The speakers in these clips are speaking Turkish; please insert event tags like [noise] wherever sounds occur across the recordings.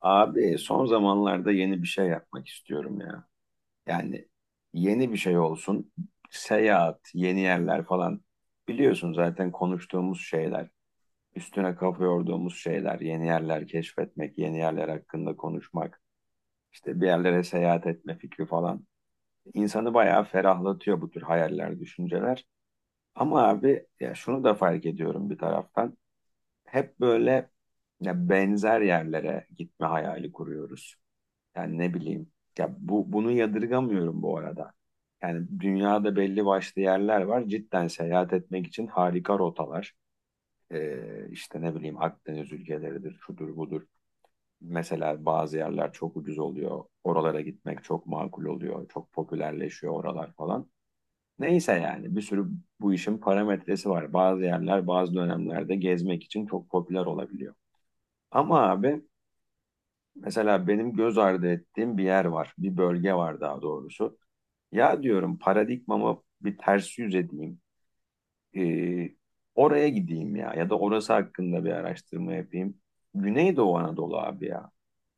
Abi son zamanlarda yeni bir şey yapmak istiyorum ya. Yani yeni bir şey olsun. Seyahat, yeni yerler falan. Biliyorsun zaten konuştuğumuz şeyler. Üstüne kafa yorduğumuz şeyler. Yeni yerler keşfetmek, yeni yerler hakkında konuşmak. İşte bir yerlere seyahat etme fikri falan. İnsanı bayağı ferahlatıyor bu tür hayaller, düşünceler. Ama abi ya şunu da fark ediyorum bir taraftan. Hep böyle ya benzer yerlere gitme hayali kuruyoruz. Yani ne bileyim. Ya bu bunu yadırgamıyorum bu arada. Yani dünyada belli başlı yerler var. Cidden seyahat etmek için harika rotalar. İşte ne bileyim Akdeniz ülkeleridir, şudur budur. Mesela bazı yerler çok ucuz oluyor. Oralara gitmek çok makul oluyor. Çok popülerleşiyor oralar falan. Neyse yani bir sürü bu işin parametresi var. Bazı yerler bazı dönemlerde gezmek için çok popüler olabiliyor. Ama abi mesela benim göz ardı ettiğim bir yer var. Bir bölge var daha doğrusu. Ya diyorum paradigmama bir ters yüz edeyim. Ee, oraya gideyim ya ya da orası hakkında bir araştırma yapayım. Güneydoğu Anadolu abi ya.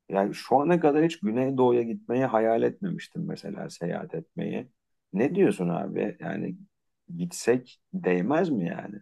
Yani şu ana kadar hiç Güneydoğu'ya gitmeyi hayal etmemiştim mesela seyahat etmeyi. Ne diyorsun abi? Yani gitsek değmez mi yani?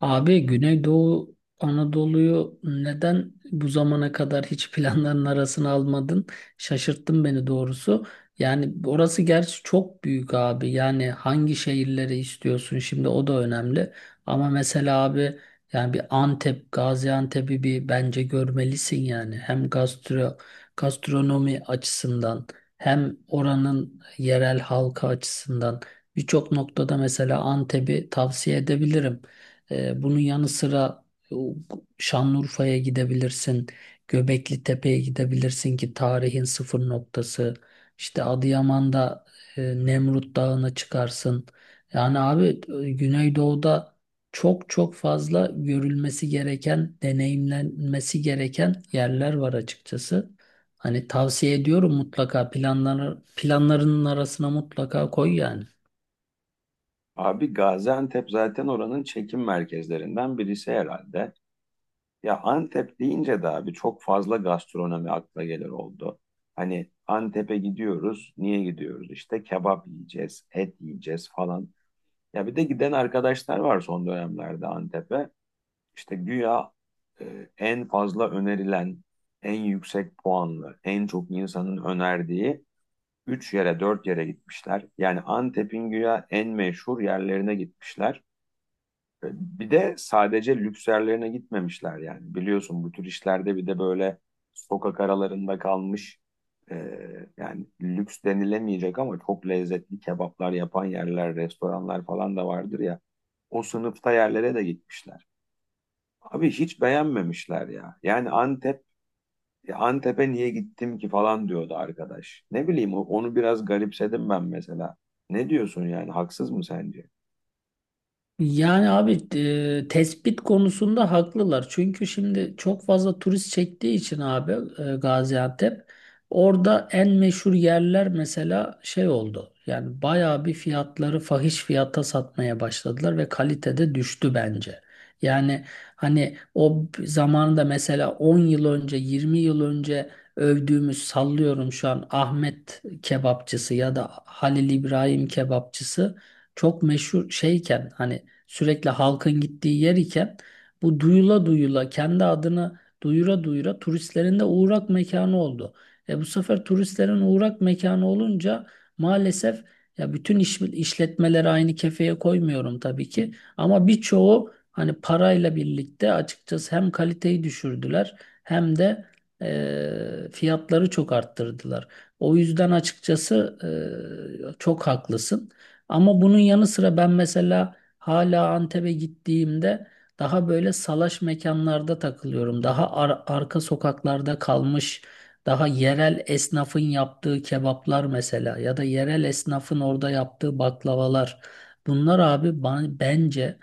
Abi Güneydoğu Anadolu'yu neden bu zamana kadar hiç planların arasına almadın? Şaşırttın beni doğrusu. Yani orası gerçi çok büyük abi. Yani hangi şehirleri istiyorsun şimdi o da önemli. Ama mesela abi yani bir Antep, Gaziantep'i bir bence görmelisin yani. Hem gastronomi açısından hem oranın yerel halkı açısından birçok noktada mesela Antep'i tavsiye edebilirim. Bunun yanı sıra e, o, Şanlıurfa'ya gidebilirsin, Göbekli Tepe'ye gidebilirsin ki tarihin sıfır noktası. İşte Adıyaman'da Nemrut Dağı'na çıkarsın. Yani abi Güneydoğu'da çok çok fazla görülmesi gereken, deneyimlenmesi gereken yerler var açıkçası. Hani tavsiye ediyorum, mutlaka planlarının arasına mutlaka koy yani. Abi Gaziantep zaten oranın çekim merkezlerinden birisi herhalde. Ya Antep deyince de abi çok fazla gastronomi akla gelir oldu. Hani Antep'e gidiyoruz. Niye gidiyoruz? İşte kebap yiyeceğiz, et yiyeceğiz falan. Ya bir de giden arkadaşlar var son dönemlerde Antep'e. İşte güya en fazla önerilen, en yüksek puanlı, en çok insanın önerdiği 3 yere 4 yere gitmişler. Yani Antep'in güya en meşhur yerlerine gitmişler. Bir de sadece lükslerlerine gitmemişler yani. Biliyorsun bu tür işlerde bir de böyle sokak aralarında kalmış e, yani lüks denilemeyecek ama çok lezzetli kebaplar yapan yerler, restoranlar falan da vardır ya. O sınıfta yerlere de gitmişler. Abi hiç beğenmemişler ya. Yani Antep, Antep'e niye gittim ki falan diyordu arkadaş. Ne bileyim onu biraz garipsedim ben mesela. Ne diyorsun yani haksız mı sence? Yani abi tespit konusunda haklılar. Çünkü şimdi çok fazla turist çektiği için abi Gaziantep orada en meşhur yerler mesela şey oldu. Yani bayağı bir fiyatları fahiş fiyata satmaya başladılar ve kalitede düştü bence. Yani hani o zamanında mesela 10 yıl önce 20 yıl önce övdüğümüz, sallıyorum şu an Ahmet kebapçısı ya da Halil İbrahim kebapçısı çok meşhur şeyken, hani sürekli halkın gittiği yer iken, bu duyula duyula, kendi adını duyura duyura turistlerin de uğrak mekanı oldu. E bu sefer turistlerin uğrak mekanı olunca maalesef, ya bütün işletmeleri aynı kefeye koymuyorum tabii ki, ama birçoğu hani parayla birlikte açıkçası hem kaliteyi düşürdüler hem de fiyatları çok arttırdılar. O yüzden açıkçası çok haklısın. Ama bunun yanı sıra ben mesela hala Antep'e gittiğimde daha böyle salaş mekanlarda takılıyorum. Daha arka sokaklarda kalmış, daha yerel esnafın yaptığı kebaplar mesela, ya da yerel esnafın orada yaptığı baklavalar. Bunlar abi, bence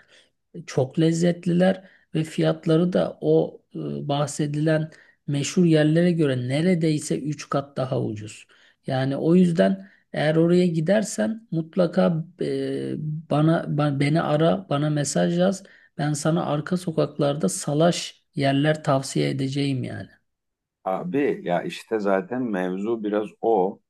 çok lezzetliler ve fiyatları da o bahsedilen meşhur yerlere göre neredeyse 3 kat daha ucuz. Yani o yüzden eğer oraya gidersen mutlaka beni ara, bana mesaj yaz. Ben sana arka sokaklarda salaş yerler tavsiye edeceğim yani. Abi ya işte zaten mevzu biraz o.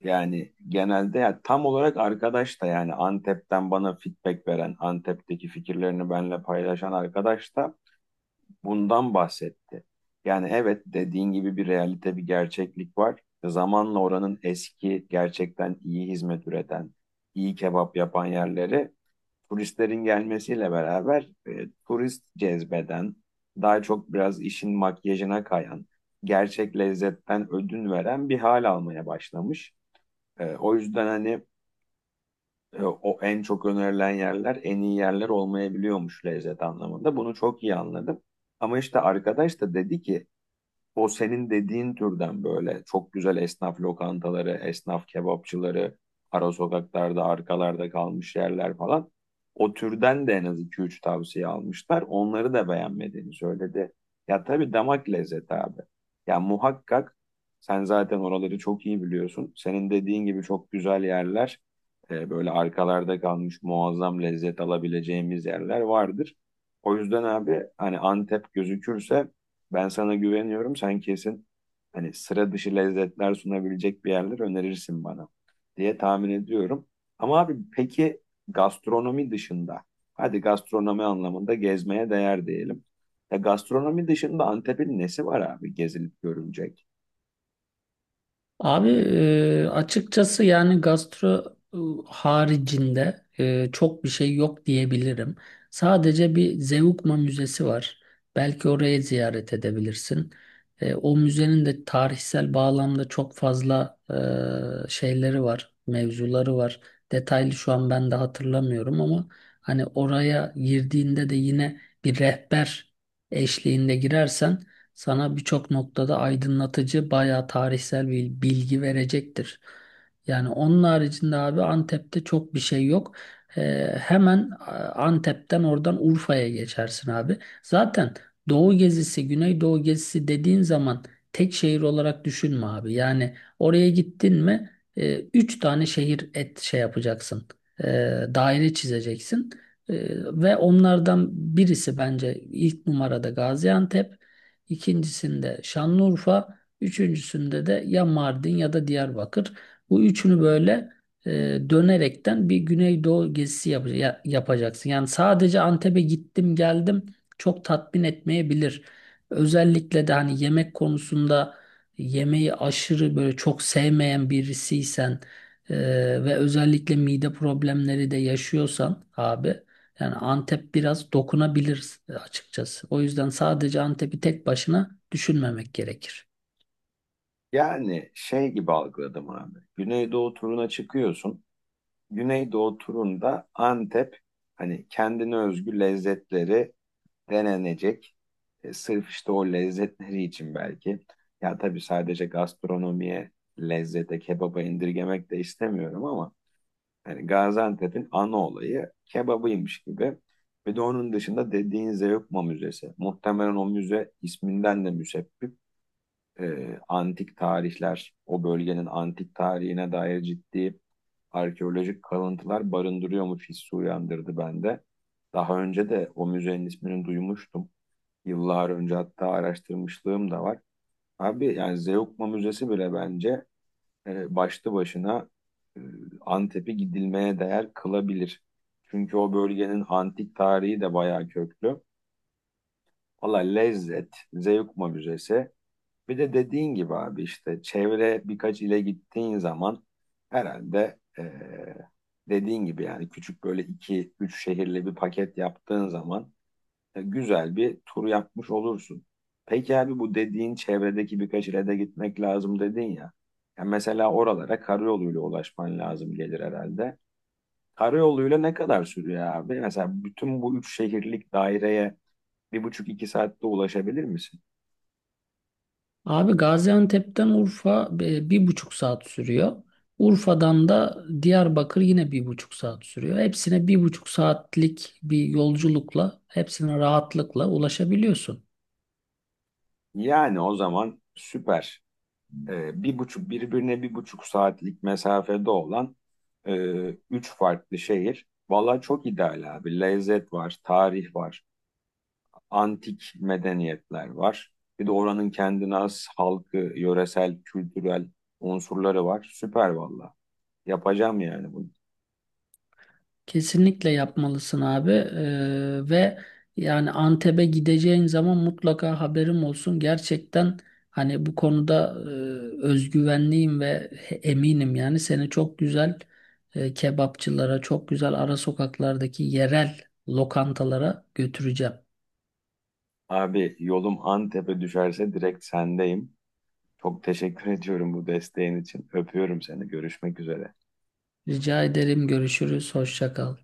Yani genelde ya tam olarak arkadaş da yani Antep'ten bana feedback veren, Antep'teki fikirlerini benimle paylaşan arkadaş da bundan bahsetti. Yani evet dediğin gibi bir realite, bir gerçeklik var. Zamanla oranın eski, gerçekten iyi hizmet üreten, iyi kebap yapan yerleri turistlerin gelmesiyle beraber turist cezbeden, daha çok biraz işin makyajına kayan, gerçek lezzetten ödün veren bir hal almaya başlamış. O yüzden hani o en çok önerilen yerler en iyi yerler olmayabiliyormuş lezzet anlamında. Bunu çok iyi anladım. Ama işte arkadaş da dedi ki o senin dediğin türden böyle çok güzel esnaf lokantaları, esnaf kebapçıları, ara sokaklarda, arkalarda kalmış yerler falan. O türden de en az iki üç tavsiye almışlar. Onları da beğenmediğini söyledi. Ya tabii damak lezzeti abi. Ya muhakkak sen zaten oraları çok iyi biliyorsun. Senin dediğin gibi çok güzel yerler, böyle arkalarda kalmış muazzam lezzet alabileceğimiz yerler vardır. O yüzden abi hani Antep gözükürse ben sana güveniyorum. Sen kesin hani sıra dışı lezzetler sunabilecek bir yerler önerirsin bana diye tahmin ediyorum. Ama abi peki gastronomi dışında, hadi gastronomi anlamında gezmeye değer diyelim. Ya gastronomi dışında Antep'in nesi var abi gezilip görülecek? Abi açıkçası yani gastro haricinde çok bir şey yok diyebilirim. Sadece bir Zeugma Müzesi var. Belki orayı ziyaret edebilirsin. O müzenin de tarihsel bağlamda çok fazla şeyleri var, mevzuları var. Detaylı şu an ben de hatırlamıyorum, ama hani oraya girdiğinde de yine bir rehber eşliğinde girersen sana birçok noktada aydınlatıcı, bayağı tarihsel bir bilgi verecektir. Yani onun haricinde abi Antep'te çok bir şey yok. Hemen Antep'ten oradan Urfa'ya geçersin abi. Zaten Doğu gezisi, Güneydoğu gezisi dediğin zaman tek şehir olarak düşünme abi. Yani oraya gittin mi üç tane şehir şey yapacaksın. E, Daire çizeceksin. E, Ve onlardan birisi bence ilk numarada Gaziantep, ikincisinde Şanlıurfa, üçüncüsünde de ya Mardin ya da Diyarbakır. Bu üçünü böyle e, dönerekten bir Güneydoğu gezisi yapacaksın. Yani sadece Antep'e gittim geldim çok tatmin etmeyebilir. Özellikle de hani yemek konusunda yemeği aşırı böyle çok sevmeyen birisiysen e, ve özellikle mide problemleri de yaşıyorsan abi, yani Antep biraz dokunabilir açıkçası. O yüzden sadece Antep'i tek başına düşünmemek gerekir. Yani şey gibi algıladım abi. Güneydoğu turuna çıkıyorsun. Güneydoğu turunda Antep hani kendine özgü lezzetleri denenecek. E, sırf işte o lezzetleri için belki. Ya tabii sadece gastronomiye, lezzete, kebaba indirgemek de istemiyorum ama hani Gaziantep'in ana olayı kebabıymış gibi. Bir de onun dışında dediğin Zeugma Müzesi. Muhtemelen o müze isminden de müsebbip. Antik tarihler, o bölgenin antik tarihine dair ciddi arkeolojik kalıntılar barındırıyormuş hissi uyandırdı bende. Daha önce de o müzenin ismini duymuştum. Yıllar önce hatta araştırmışlığım da var. Abi yani Zeugma Müzesi bile bence başlı başına e, Antep'i gidilmeye değer kılabilir. Çünkü o bölgenin antik tarihi de bayağı köklü. Valla lezzet, Zeugma Müzesi. Bir de dediğin gibi abi işte çevre birkaç ile gittiğin zaman herhalde dediğin gibi yani küçük böyle iki üç şehirli bir paket yaptığın zaman güzel bir tur yapmış olursun. Peki abi bu dediğin çevredeki birkaç ile de gitmek lazım dedin ya. Ya mesela oralara karayoluyla ulaşman lazım gelir herhalde. Karayoluyla ne kadar sürüyor abi? Mesela bütün bu üç şehirlik daireye bir buçuk iki saatte ulaşabilir misin? Abi Gaziantep'ten Urfa 1,5 saat sürüyor. Urfa'dan da Diyarbakır yine 1,5 saat sürüyor. Hepsine 1,5 saatlik bir yolculukla, hepsine rahatlıkla ulaşabiliyorsun. Yani o zaman süper. E, bir buçuk birbirine bir buçuk saatlik mesafede olan e, üç farklı şehir. Valla çok ideal abi. Lezzet var, tarih var. Antik medeniyetler var. Bir de oranın kendine has halkı, yöresel, kültürel unsurları var. Süper valla. Yapacağım yani bunu. Kesinlikle yapmalısın abi. Ve yani Antep'e gideceğin zaman mutlaka haberim olsun. Gerçekten hani bu konuda özgüvenliyim ve eminim, yani seni çok güzel kebapçılara, çok güzel ara sokaklardaki yerel lokantalara götüreceğim. Abi yolum Antep'e düşerse direkt sendeyim. Çok teşekkür [laughs] ediyorum bu desteğin için. Öpüyorum seni. Görüşmek üzere. Rica ederim, görüşürüz, hoşça kal.